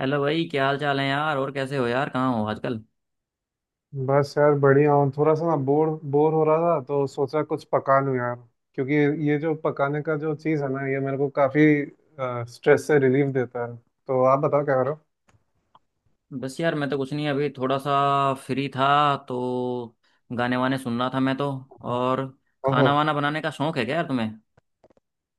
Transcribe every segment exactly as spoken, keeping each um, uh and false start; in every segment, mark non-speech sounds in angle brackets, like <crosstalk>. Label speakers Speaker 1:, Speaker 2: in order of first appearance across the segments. Speaker 1: Hello भाई, क्या हाल चाल है यार? और कैसे हो यार? कहाँ हो आजकल?
Speaker 2: बस यार बढ़िया हूँ। थोड़ा सा ना बोर बोर हो रहा था तो सोचा कुछ पका लूँ यार, क्योंकि ये जो पकाने का जो चीज़ है ना ये मेरे को काफ़ी स्ट्रेस से रिलीफ देता है। तो आप बताओ क्या करो।
Speaker 1: बस यार मैं तो कुछ नहीं, अभी थोड़ा सा फ्री था तो गाने वाने सुन रहा था मैं तो।
Speaker 2: हाँ।
Speaker 1: और
Speaker 2: ओहो,
Speaker 1: खाना वाना बनाने का शौक है क्या यार तुम्हें?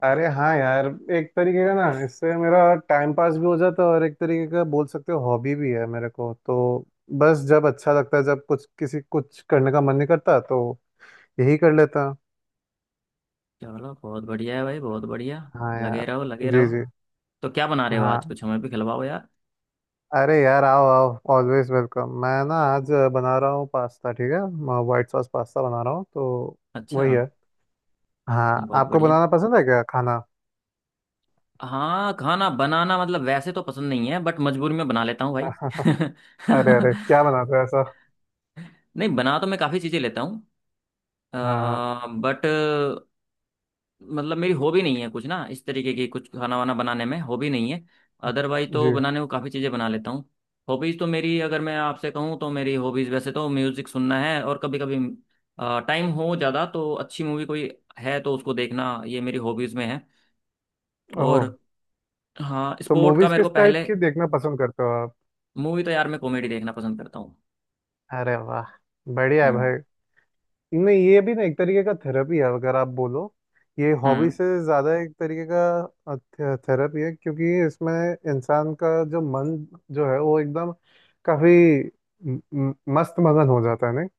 Speaker 2: अरे हाँ यार, एक तरीके का ना इससे मेरा टाइम पास भी हो जाता है और एक तरीके का बोल सकते हो हॉबी भी है मेरे को। तो बस जब अच्छा लगता है, जब कुछ किसी कुछ करने का मन नहीं करता तो यही कर लेता।
Speaker 1: चलो बहुत बढ़िया है भाई, बहुत बढ़िया।
Speaker 2: हाँ
Speaker 1: लगे
Speaker 2: यार।
Speaker 1: रहो लगे
Speaker 2: जी
Speaker 1: रहो।
Speaker 2: जी।
Speaker 1: तो क्या बना रहे हो आज?
Speaker 2: हाँ,
Speaker 1: कुछ हमें भी खिलवाओ यार।
Speaker 2: अरे यार आओ आओ, ऑलवेज वेलकम। मैं ना आज बना रहा हूँ पास्ता, ठीक है, व्हाइट सॉस पास्ता बना रहा हूँ तो वही
Speaker 1: अच्छा।
Speaker 2: है। हाँ,
Speaker 1: बहुत
Speaker 2: आपको
Speaker 1: बढ़िया।
Speaker 2: बनाना पसंद है क्या, खाना?
Speaker 1: हाँ खाना बनाना मतलब वैसे तो पसंद नहीं है बट मजबूरी में बना लेता हूँ भाई
Speaker 2: <laughs>
Speaker 1: <laughs>
Speaker 2: अरे अरे, क्या बनाते हो ऐसा?
Speaker 1: नहीं, बना तो मैं काफ़ी चीज़ें लेता हूँ
Speaker 2: हाँ।
Speaker 1: बट मतलब मेरी हॉबी नहीं है कुछ, ना इस तरीके की, कुछ खाना वाना बनाने में हॉबी नहीं है। अदरवाइज
Speaker 2: जी।
Speaker 1: तो बनाने को काफ़ी चीज़ें बना लेता हूँ। हॉबीज़ तो मेरी, अगर मैं आपसे कहूँ तो मेरी हॉबीज़ वैसे तो म्यूज़िक सुनना है। और कभी कभी टाइम हो ज़्यादा तो अच्छी मूवी कोई है तो उसको देखना, ये मेरी हॉबीज़ में है। और
Speaker 2: ओह,
Speaker 1: हाँ
Speaker 2: तो
Speaker 1: स्पोर्ट का
Speaker 2: मूवीज
Speaker 1: मेरे
Speaker 2: किस
Speaker 1: को
Speaker 2: टाइप
Speaker 1: पहले।
Speaker 2: की देखना पसंद करते हो आप?
Speaker 1: मूवी तो यार मैं कॉमेडी देखना पसंद करता हूँ।
Speaker 2: अरे वाह, बढ़िया है
Speaker 1: हम्म।
Speaker 2: भाई। नहीं, ये भी ना एक तरीके का थेरेपी है अगर आप बोलो। ये हॉबी
Speaker 1: हम्म।
Speaker 2: से ज़्यादा एक तरीके का थे, थेरेपी है, क्योंकि इसमें इंसान का जो मन जो है वो एकदम काफी म- म- मस्त मगन हो जाता है नहीं।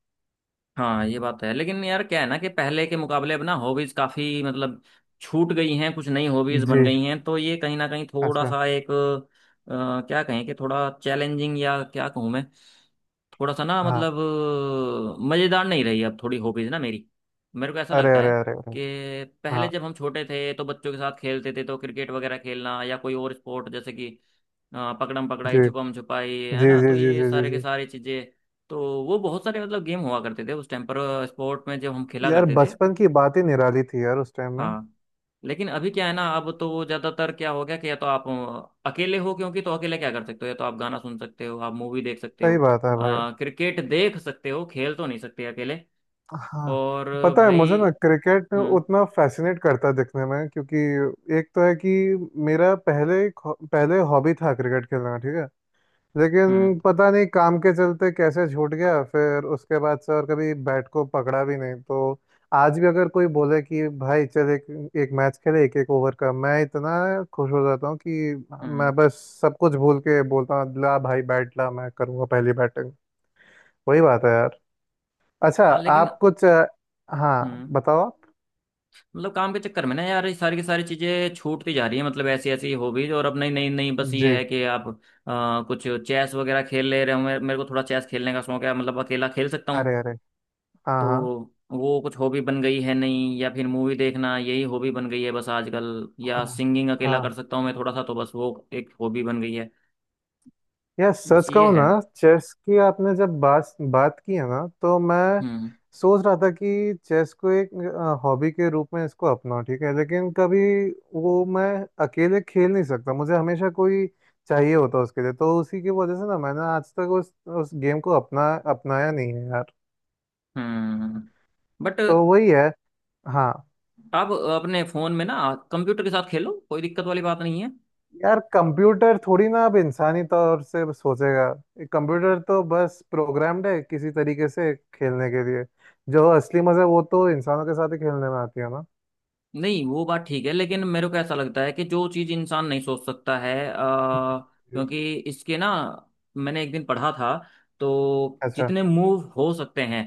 Speaker 1: हाँ ये बात तो है लेकिन यार क्या है ना कि पहले के मुकाबले अब ना हॉबीज काफी मतलब छूट गई हैं, कुछ नई हॉबीज
Speaker 2: जी।
Speaker 1: बन गई हैं। तो ये कहीं ना कहीं थोड़ा
Speaker 2: अच्छा।
Speaker 1: सा एक अ, क्या कहें, कि थोड़ा चैलेंजिंग या क्या कहूँ मैं, थोड़ा सा ना
Speaker 2: हाँ।
Speaker 1: मतलब मज़ेदार नहीं रही अब थोड़ी हॉबीज ना मेरी, मेरे को ऐसा
Speaker 2: अरे
Speaker 1: लगता है।
Speaker 2: अरे अरे अरे।
Speaker 1: कि
Speaker 2: हाँ।
Speaker 1: पहले जब हम छोटे थे तो बच्चों के साथ खेलते थे तो क्रिकेट वगैरह खेलना या कोई और स्पोर्ट जैसे कि हाँ, पकड़म पकड़ाई
Speaker 2: जी
Speaker 1: छुपम छुपाई है
Speaker 2: जी
Speaker 1: ना,
Speaker 2: जी
Speaker 1: तो
Speaker 2: जी
Speaker 1: ये
Speaker 2: जी जी
Speaker 1: सारे के
Speaker 2: जी।
Speaker 1: सारे चीजें, तो वो बहुत सारे मतलब गेम हुआ करते थे उस टाइम पर, स्पोर्ट में जब हम खेला
Speaker 2: यार
Speaker 1: करते थे।
Speaker 2: बचपन की बात ही निराली थी यार, उस टाइम में।
Speaker 1: हाँ लेकिन अभी क्या है ना अब तो वो ज्यादातर क्या हो गया कि या तो आप अ, अकेले हो, क्योंकि तो अकेले क्या कर सकते हो, या तो आप गाना सुन सकते हो, आप मूवी देख सकते हो,
Speaker 2: सही बात है भाई।
Speaker 1: अ, क्रिकेट देख सकते हो, खेल तो नहीं सकते अकेले।
Speaker 2: हाँ,
Speaker 1: और
Speaker 2: पता है
Speaker 1: भाई।
Speaker 2: मुझे ना क्रिकेट
Speaker 1: हम्म।
Speaker 2: उतना फैसिनेट करता है दिखने में, क्योंकि एक तो है कि मेरा पहले पहले हॉबी था क्रिकेट खेलना, ठीक है,
Speaker 1: हम्म।
Speaker 2: लेकिन पता नहीं काम के चलते कैसे छूट गया। फिर उसके बाद से और कभी बैट को पकड़ा भी नहीं, तो आज भी अगर कोई बोले कि भाई चल एक एक मैच खेले, एक एक ओवर का, मैं इतना खुश हो जाता हूँ कि मैं
Speaker 1: हम्म।
Speaker 2: बस सब कुछ भूल के बोलता हूँ, ला भाई बैट ला, मैं करूँगा पहली बैटिंग। वही बात है यार। अच्छा,
Speaker 1: हाँ लेकिन।
Speaker 2: आप कुछ अ, हाँ
Speaker 1: हम्म।
Speaker 2: बताओ आप।
Speaker 1: मतलब काम के चक्कर में ना यार ये सारी की सारी चीजें छूटती जा रही है, मतलब ऐसी ऐसी हॉबीज, और अब नई नई नई, बस ये
Speaker 2: जी।
Speaker 1: है कि आप अ, कुछ चेस वगैरह खेल ले रहे हो, मेरे मेरे को थोड़ा चेस खेलने का शौक है, मतलब अकेला खेल सकता हूँ
Speaker 2: अरे अरे। हाँ
Speaker 1: तो
Speaker 2: हाँ।
Speaker 1: वो कुछ हॉबी बन गई है। नहीं, या फिर मूवी देखना यही हॉबी बन गई है बस आजकल, या
Speaker 2: हाँ
Speaker 1: सिंगिंग अकेला
Speaker 2: हाँ।
Speaker 1: कर सकता हूँ मैं थोड़ा सा तो बस वो एक हॉबी बन गई है।
Speaker 2: यार
Speaker 1: बस
Speaker 2: सच
Speaker 1: ये
Speaker 2: कहूँ
Speaker 1: है।
Speaker 2: ना, चेस की आपने जब बात बात की है ना, तो मैं
Speaker 1: हम्म।
Speaker 2: सोच रहा था कि चेस को एक हॉबी के रूप में इसको अपनाऊं, ठीक है, लेकिन कभी वो मैं अकेले खेल नहीं सकता, मुझे हमेशा कोई चाहिए होता उसके लिए। तो उसी की वजह से ना मैंने आज तक उस उस गेम को अपना अपनाया नहीं है यार।
Speaker 1: हम्म। बट
Speaker 2: तो वही है। हाँ,
Speaker 1: आप अपने फोन में ना कंप्यूटर के साथ खेलो, कोई दिक्कत वाली बात नहीं है।
Speaker 2: यार कंप्यूटर थोड़ी ना अब इंसानी तौर से सोचेगा। एक कंप्यूटर तो बस प्रोग्राम्ड है किसी तरीके से खेलने के लिए। जो असली मजा वो तो इंसानों के साथ ही खेलने में आती है ना।
Speaker 1: नहीं वो बात ठीक है लेकिन मेरे को ऐसा लगता है कि जो चीज इंसान नहीं सोच सकता है, आ,
Speaker 2: जी।
Speaker 1: क्योंकि इसके ना मैंने एक दिन पढ़ा था, तो
Speaker 2: अच्छा।
Speaker 1: जितने मूव हो सकते हैं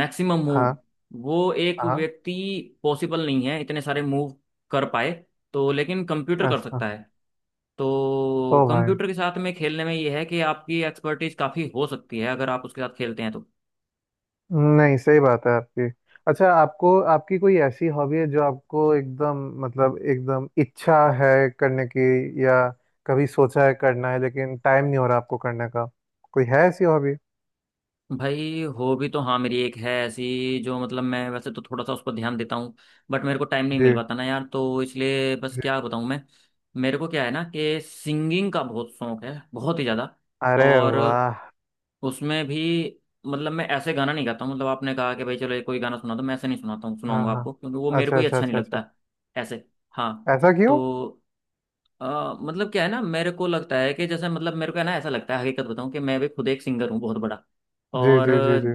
Speaker 1: मैक्सिमम
Speaker 2: हाँ
Speaker 1: मूव, वो एक
Speaker 2: हाँ।
Speaker 1: व्यक्ति पॉसिबल नहीं है इतने सारे मूव कर पाए। तो लेकिन कंप्यूटर कर
Speaker 2: अच्छा।
Speaker 1: सकता है।
Speaker 2: ओ
Speaker 1: तो
Speaker 2: भाई,
Speaker 1: कंप्यूटर के साथ में खेलने में यह है कि आपकी एक्सपर्टीज काफी हो सकती है अगर आप उसके साथ खेलते हैं तो।
Speaker 2: नहीं सही बात है आपकी। अच्छा, आपको आपकी कोई ऐसी हॉबी है जो आपको एकदम, मतलब एकदम इच्छा है करने की, या कभी सोचा है करना है लेकिन टाइम नहीं हो रहा आपको करने का, कोई है ऐसी हॉबी?
Speaker 1: भाई हो भी तो, हाँ मेरी एक है ऐसी जो मतलब मैं वैसे तो थोड़ा सा उस पर ध्यान देता हूँ बट मेरे को टाइम नहीं मिल
Speaker 2: जी।
Speaker 1: पाता ना यार, तो इसलिए बस
Speaker 2: जी।
Speaker 1: क्या बताऊँ मैं। मेरे को क्या है ना कि सिंगिंग का बहुत शौक है, बहुत ही ज़्यादा।
Speaker 2: अरे
Speaker 1: और
Speaker 2: वाह।
Speaker 1: उसमें भी मतलब मैं ऐसे गाना नहीं गाता हूँ, मतलब आपने कहा कि भाई चलो ये कोई गाना सुना दो, मैं ऐसे नहीं सुनाता हूँ,
Speaker 2: हाँ।
Speaker 1: सुनाऊंगा
Speaker 2: हाँ।
Speaker 1: आपको क्योंकि वो मेरे को
Speaker 2: अच्छा
Speaker 1: ही
Speaker 2: अच्छा
Speaker 1: अच्छा नहीं
Speaker 2: अच्छा
Speaker 1: लगता
Speaker 2: अच्छा।
Speaker 1: है ऐसे। हाँ।
Speaker 2: ऐसा क्यों?
Speaker 1: तो अ, मतलब क्या है ना मेरे को लगता है कि जैसे, मतलब मेरे को है ना ऐसा लगता है, हकीकत बताऊं, कि मैं भी खुद एक सिंगर हूँ बहुत बड़ा।
Speaker 2: जी
Speaker 1: और
Speaker 2: जी जी जी।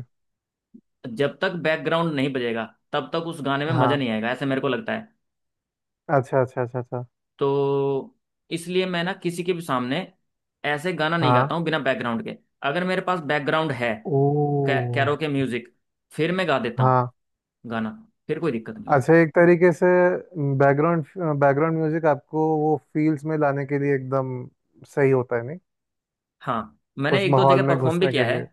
Speaker 1: जब तक बैकग्राउंड नहीं बजेगा तब तक उस गाने में मज़ा
Speaker 2: हाँ।
Speaker 1: नहीं आएगा, ऐसे मेरे को लगता है।
Speaker 2: अच्छा अच्छा अच्छा अच्छा।
Speaker 1: तो इसलिए मैं ना किसी के भी सामने ऐसे गाना नहीं
Speaker 2: हाँ।
Speaker 1: गाता हूँ बिना बैकग्राउंड के। अगर मेरे पास बैकग्राउंड है,
Speaker 2: ओ।
Speaker 1: कैरोके म्यूजिक, फिर मैं गा देता हूँ
Speaker 2: हाँ।
Speaker 1: गाना, फिर कोई दिक्कत नहीं है।
Speaker 2: अच्छा, एक तरीके से बैकग्राउंड, बैकग्राउंड म्यूजिक आपको वो फील्स में लाने के लिए एकदम सही होता है नहीं?
Speaker 1: हाँ मैंने
Speaker 2: उस
Speaker 1: एक दो
Speaker 2: माहौल
Speaker 1: जगह
Speaker 2: में
Speaker 1: परफॉर्म भी
Speaker 2: घुसने
Speaker 1: किया
Speaker 2: के
Speaker 1: है।
Speaker 2: लिए।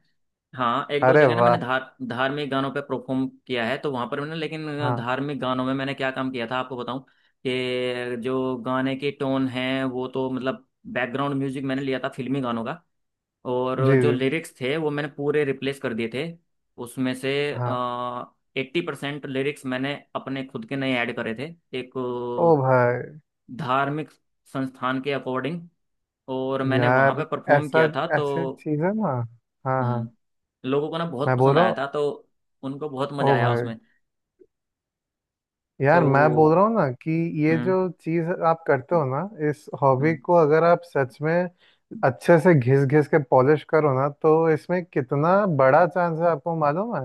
Speaker 1: हाँ एक दो
Speaker 2: अरे
Speaker 1: जगह ना
Speaker 2: वाह।
Speaker 1: मैंने धार, धार्मिक गानों पे परफॉर्म किया है, तो वहां पर मैंने, लेकिन
Speaker 2: हाँ।
Speaker 1: धार्मिक गानों में मैंने क्या काम किया था आपको बताऊं, कि जो गाने की टोन है वो तो मतलब, बैकग्राउंड म्यूजिक मैंने लिया था फिल्मी गानों का,
Speaker 2: जी
Speaker 1: और जो
Speaker 2: जी।
Speaker 1: लिरिक्स थे वो मैंने पूरे रिप्लेस कर दिए थे उसमें से।
Speaker 2: हाँ।
Speaker 1: एट्टी परसेंट लिरिक्स मैंने अपने खुद के नए ऐड करे थे, एक
Speaker 2: ओ भाई।
Speaker 1: अ, धार्मिक संस्थान के अकॉर्डिंग, और मैंने वहां
Speaker 2: यार
Speaker 1: पे परफॉर्म
Speaker 2: ऐसा,
Speaker 1: किया था,
Speaker 2: ऐसे
Speaker 1: तो
Speaker 2: चीज है ना। हाँ हाँ।
Speaker 1: हम्म, लोगों को ना बहुत
Speaker 2: मैं बोल
Speaker 1: पसंद
Speaker 2: रहा
Speaker 1: आया
Speaker 2: हूँ।
Speaker 1: था, तो उनको बहुत मजा
Speaker 2: ओ
Speaker 1: आया
Speaker 2: भाई,
Speaker 1: उसमें।
Speaker 2: यार मैं बोल रहा
Speaker 1: तो
Speaker 2: हूँ ना कि ये
Speaker 1: हम्म।
Speaker 2: जो चीज आप करते हो ना, इस हॉबी को
Speaker 1: हम्म।
Speaker 2: अगर आप सच में अच्छे से घिस घिस के पॉलिश करो ना, तो इसमें कितना बड़ा चांस है आपको मालूम है।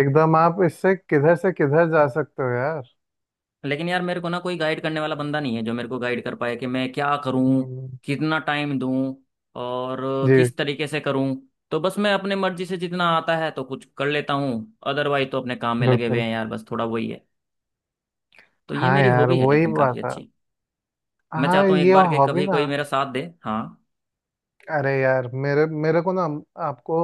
Speaker 2: एकदम आप इससे किधर से किधर जा सकते हो यार।
Speaker 1: लेकिन यार मेरे को ना कोई गाइड करने वाला बंदा नहीं है जो मेरे को गाइड कर पाए कि मैं क्या करूं,
Speaker 2: हम्म,
Speaker 1: कितना टाइम दूं और
Speaker 2: जी।
Speaker 1: किस तरीके से करूं। तो बस मैं अपने मर्जी से जितना आता है तो कुछ कर लेता हूँ, अदरवाइज तो अपने काम में लगे हुए
Speaker 2: बिल्कुल।
Speaker 1: हैं यार, बस थोड़ा वही है। तो ये
Speaker 2: हाँ
Speaker 1: मेरी
Speaker 2: यार
Speaker 1: हॉबी है
Speaker 2: वही
Speaker 1: लेकिन काफी
Speaker 2: बात है।
Speaker 1: अच्छी। मैं
Speaker 2: हाँ
Speaker 1: चाहता हूँ एक
Speaker 2: ये
Speaker 1: बार के
Speaker 2: हॉबी
Speaker 1: कभी
Speaker 2: ना।
Speaker 1: कोई मेरा साथ दे, हाँ।
Speaker 2: अरे यार, मेरे मेरे को ना आपको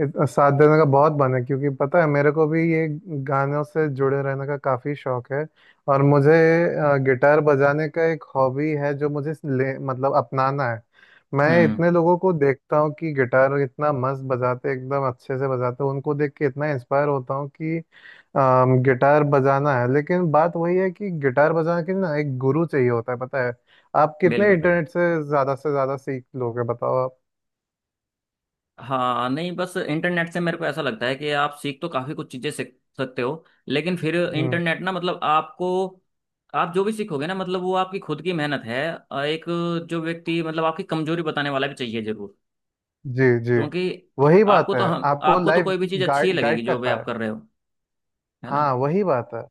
Speaker 2: इत- साथ देने का बहुत मन है, क्योंकि पता है मेरे को भी ये गानों से जुड़े रहने का काफ़ी शौक है। और मुझे अ, गिटार बजाने का एक हॉबी है जो मुझे ले मतलब अपनाना है। मैं
Speaker 1: हम्म।
Speaker 2: इतने लोगों को देखता हूँ कि गिटार इतना मस्त बजाते, एकदम अच्छे से बजाते हैं, उनको देख के इतना इंस्पायर होता हूँ कि अम, गिटार बजाना है, लेकिन बात वही है कि गिटार बजाने के लिए ना एक गुरु चाहिए होता है, पता है? आप कितने
Speaker 1: बिल्कुल बिल्कुल।
Speaker 2: इंटरनेट से ज्यादा से ज्यादा सीख लोगे, बताओ आप।
Speaker 1: हाँ नहीं बस इंटरनेट से मेरे को ऐसा लगता है कि आप सीख तो काफी कुछ चीजें सीख सकते हो, लेकिन फिर
Speaker 2: हम्म।
Speaker 1: इंटरनेट ना मतलब आपको, आप जो भी सीखोगे ना मतलब वो आपकी खुद की मेहनत है। अ, एक जो व्यक्ति मतलब आपकी कमजोरी बताने वाला भी चाहिए जरूर,
Speaker 2: जी जी।
Speaker 1: क्योंकि
Speaker 2: वही बात
Speaker 1: आपको
Speaker 2: है।
Speaker 1: तो, हम
Speaker 2: आपको
Speaker 1: आपको तो
Speaker 2: लाइव
Speaker 1: कोई भी चीज अच्छी ही
Speaker 2: गाइड
Speaker 1: लगेगी
Speaker 2: गाइड
Speaker 1: जो
Speaker 2: कर
Speaker 1: भी आप
Speaker 2: पाए।
Speaker 1: कर रहे हो, है ना।
Speaker 2: हाँ वही बात है।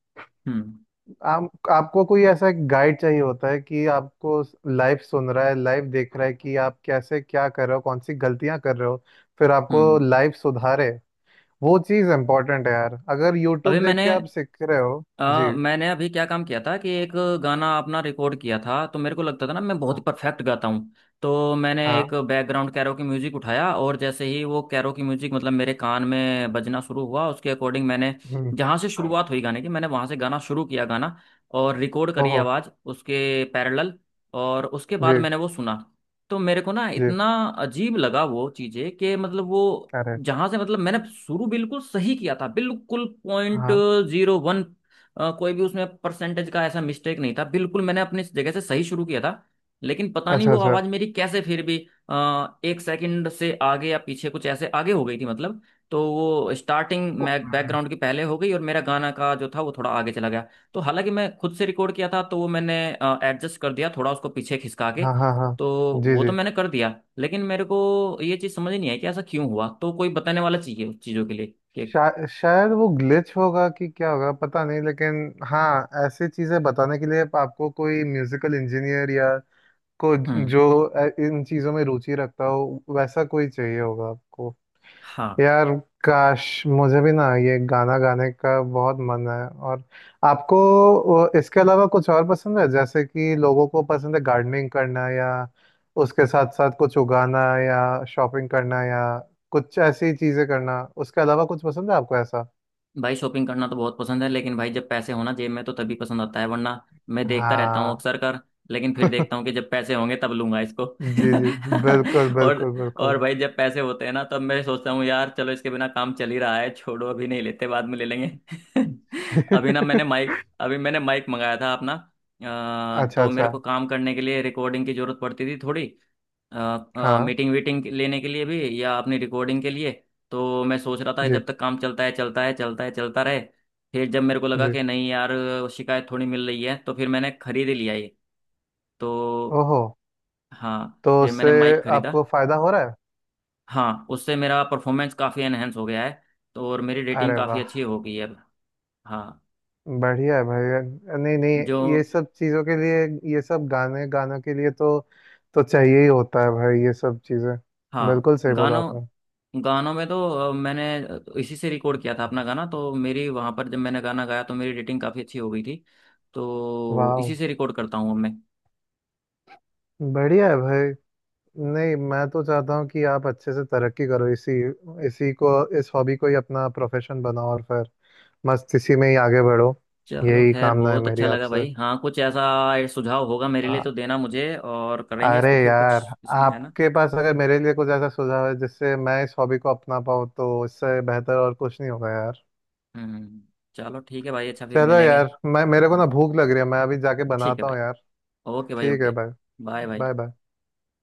Speaker 1: हम्म।
Speaker 2: आप आपको कोई ऐसा गाइड चाहिए होता है कि आपको लाइव सुन रहा है, लाइव देख रहा है कि आप कैसे क्या कर रहे हो, कौन सी गलतियां कर रहे हो, फिर आपको
Speaker 1: हम्म।
Speaker 2: लाइव सुधारे। वो चीज़ इम्पोर्टेंट है यार, अगर
Speaker 1: अभी
Speaker 2: यूट्यूब देख
Speaker 1: मैंने
Speaker 2: के आप सीख रहे हो।
Speaker 1: अ,
Speaker 2: जी।
Speaker 1: मैंने अभी क्या काम किया था कि एक गाना अपना रिकॉर्ड किया था, तो मेरे को लगता था ना मैं बहुत ही
Speaker 2: हाँ
Speaker 1: परफेक्ट गाता हूँ। तो मैंने एक
Speaker 2: हाँ।
Speaker 1: बैकग्राउंड कैरोकी म्यूजिक उठाया, और जैसे ही वो कैरोकी म्यूजिक मतलब मेरे कान में बजना शुरू हुआ उसके अकॉर्डिंग मैंने
Speaker 2: हम्म।
Speaker 1: जहाँ से शुरुआत हुई गाने की मैंने वहाँ से गाना शुरू किया गाना, और रिकॉर्ड करी
Speaker 2: ओहो।
Speaker 1: आवाज़ उसके पैरेलल, और उसके बाद
Speaker 2: जी
Speaker 1: मैंने वो सुना। तो मेरे को ना
Speaker 2: जी।
Speaker 1: इतना अजीब लगा वो चीज़ें, कि मतलब वो
Speaker 2: अरे।
Speaker 1: जहां से, मतलब मैंने शुरू बिल्कुल सही किया था, बिल्कुल पॉइंट,
Speaker 2: हाँ।
Speaker 1: अ, कोई भी उसमें परसेंटेज का ऐसा मिस्टेक नहीं था, बिल्कुल मैंने अपनी जगह से सही शुरू किया था। लेकिन पता नहीं वो
Speaker 2: अच्छा
Speaker 1: आवाज़ मेरी कैसे फिर भी अ, एक सेकंड से आगे या पीछे कुछ ऐसे आगे हो गई थी मतलब। तो वो स्टार्टिंग मैं
Speaker 2: अच्छा।
Speaker 1: बैकग्राउंड की पहले हो गई और मेरा गाना का जो था वो थोड़ा आगे चला गया। तो हालांकि मैं खुद से रिकॉर्ड किया था तो वो मैंने एडजस्ट कर दिया थोड़ा उसको पीछे खिसका के।
Speaker 2: हाँ हाँ हाँ।
Speaker 1: तो
Speaker 2: जी
Speaker 1: वो तो
Speaker 2: जी।
Speaker 1: मैंने कर दिया लेकिन मेरे को ये चीज़ समझ नहीं आई कि ऐसा क्यों हुआ, तो कोई बताने वाला चाहिए उस चीज़ों के लिए कि।
Speaker 2: शा, शायद वो ग्लिच होगा, कि क्या होगा पता नहीं, लेकिन हाँ ऐसी चीज़ें बताने के लिए आपको कोई म्यूजिकल इंजीनियर या को
Speaker 1: हम्म।
Speaker 2: जो अ, इन चीज़ों में रुचि रखता हो, वैसा कोई चाहिए होगा आपको।
Speaker 1: हाँ
Speaker 2: यार काश मुझे भी ना ये गाना गाने का बहुत मन है। और आपको वो, इसके अलावा कुछ और पसंद है जैसे कि लोगों को पसंद है गार्डनिंग करना या उसके साथ साथ कुछ उगाना या शॉपिंग करना या कुछ ऐसी चीजें करना, उसके अलावा कुछ पसंद है आपको ऐसा?
Speaker 1: भाई शॉपिंग करना तो बहुत पसंद है, लेकिन भाई जब पैसे होना जेब में तो तभी पसंद आता है, वरना मैं देखता रहता हूँ
Speaker 2: हाँ।
Speaker 1: अक्सर कर, लेकिन फिर देखता
Speaker 2: <laughs>
Speaker 1: हूँ कि जब पैसे होंगे तब लूंगा इसको
Speaker 2: जी जी। बिल्कुल
Speaker 1: <laughs> और
Speaker 2: बिल्कुल
Speaker 1: और
Speaker 2: बिल्कुल।
Speaker 1: भाई जब पैसे होते हैं ना तब मैं सोचता हूँ, यार चलो इसके बिना काम चल ही रहा है, छोड़ो अभी नहीं लेते बाद में ले लेंगे <laughs> अभी ना मैंने
Speaker 2: <laughs>
Speaker 1: माइक अभी मैंने माइक मंगाया था अपना, अ,
Speaker 2: अच्छा
Speaker 1: तो मेरे
Speaker 2: अच्छा।
Speaker 1: को काम करने के लिए रिकॉर्डिंग की जरूरत पड़ती थी थोड़ी,
Speaker 2: हाँ।
Speaker 1: मीटिंग वीटिंग लेने के लिए भी, या अपनी रिकॉर्डिंग के लिए। तो मैं सोच रहा था कि
Speaker 2: जी
Speaker 1: जब तक काम चलता है चलता है चलता है चलता रहे। फिर जब मेरे को लगा
Speaker 2: जी।
Speaker 1: कि नहीं यार शिकायत थोड़ी मिल रही है, तो फिर मैंने खरीद ही लिया ये। तो
Speaker 2: ओहो।
Speaker 1: हाँ
Speaker 2: तो
Speaker 1: फिर
Speaker 2: उससे
Speaker 1: मैंने माइक खरीदा।
Speaker 2: आपको फायदा हो रहा है?
Speaker 1: हाँ उससे मेरा परफॉर्मेंस काफ़ी एनहेंस हो गया है तो, और मेरी रेटिंग
Speaker 2: अरे
Speaker 1: काफ़ी
Speaker 2: वाह,
Speaker 1: अच्छी हो गई है अब। हाँ।
Speaker 2: बढ़िया है भाई। नहीं नहीं,
Speaker 1: जो,
Speaker 2: ये सब चीज़ों के लिए, ये सब गाने गानों के लिए तो, तो चाहिए ही होता है भाई ये सब चीज़ें।
Speaker 1: हाँ
Speaker 2: बिल्कुल सही बोला
Speaker 1: गानों,
Speaker 2: आपने।
Speaker 1: गानों में तो अ, मैंने अ, इसी से रिकॉर्ड किया था अपना गाना, तो मेरी वहाँ पर जब मैंने गाना गाया तो मेरी रेटिंग काफ़ी अच्छी हो गई थी, तो
Speaker 2: वाह,
Speaker 1: इसी से रिकॉर्ड करता हूँ अब मैं।
Speaker 2: बढ़िया है भाई। नहीं मैं तो चाहता हूँ कि आप अच्छे से तरक्की करो इसी इसी को इस हॉबी को ही अपना प्रोफेशन बनाओ, और फिर मस्त इसी में ही आगे बढ़ो।
Speaker 1: चलो
Speaker 2: यही
Speaker 1: खैर
Speaker 2: कामना है
Speaker 1: बहुत
Speaker 2: मेरी
Speaker 1: अच्छा लगा
Speaker 2: आपसे।
Speaker 1: भाई, हाँ कुछ ऐसा सुझाव होगा मेरे लिए
Speaker 2: हाँ,
Speaker 1: तो देना मुझे, और करेंगे
Speaker 2: अरे
Speaker 1: इसको फिर
Speaker 2: यार
Speaker 1: कुछ इसमें है ना।
Speaker 2: आपके पास अगर मेरे लिए कुछ ऐसा सुझाव है जिससे मैं इस हॉबी को अपना पाऊँ, तो इससे बेहतर और कुछ नहीं होगा यार।
Speaker 1: हम्म। चलो ठीक है भाई, अच्छा फिर
Speaker 2: चलो
Speaker 1: मिलेंगे।
Speaker 2: यार, मैं मेरे को
Speaker 1: हाँ
Speaker 2: ना भूख लग रही है, मैं अभी जाके
Speaker 1: ठीक है
Speaker 2: बनाता
Speaker 1: भाई।
Speaker 2: हूँ यार।
Speaker 1: ओके भाई
Speaker 2: ठीक है
Speaker 1: ओके।
Speaker 2: भाई।
Speaker 1: बाय भाई।
Speaker 2: Bye bye.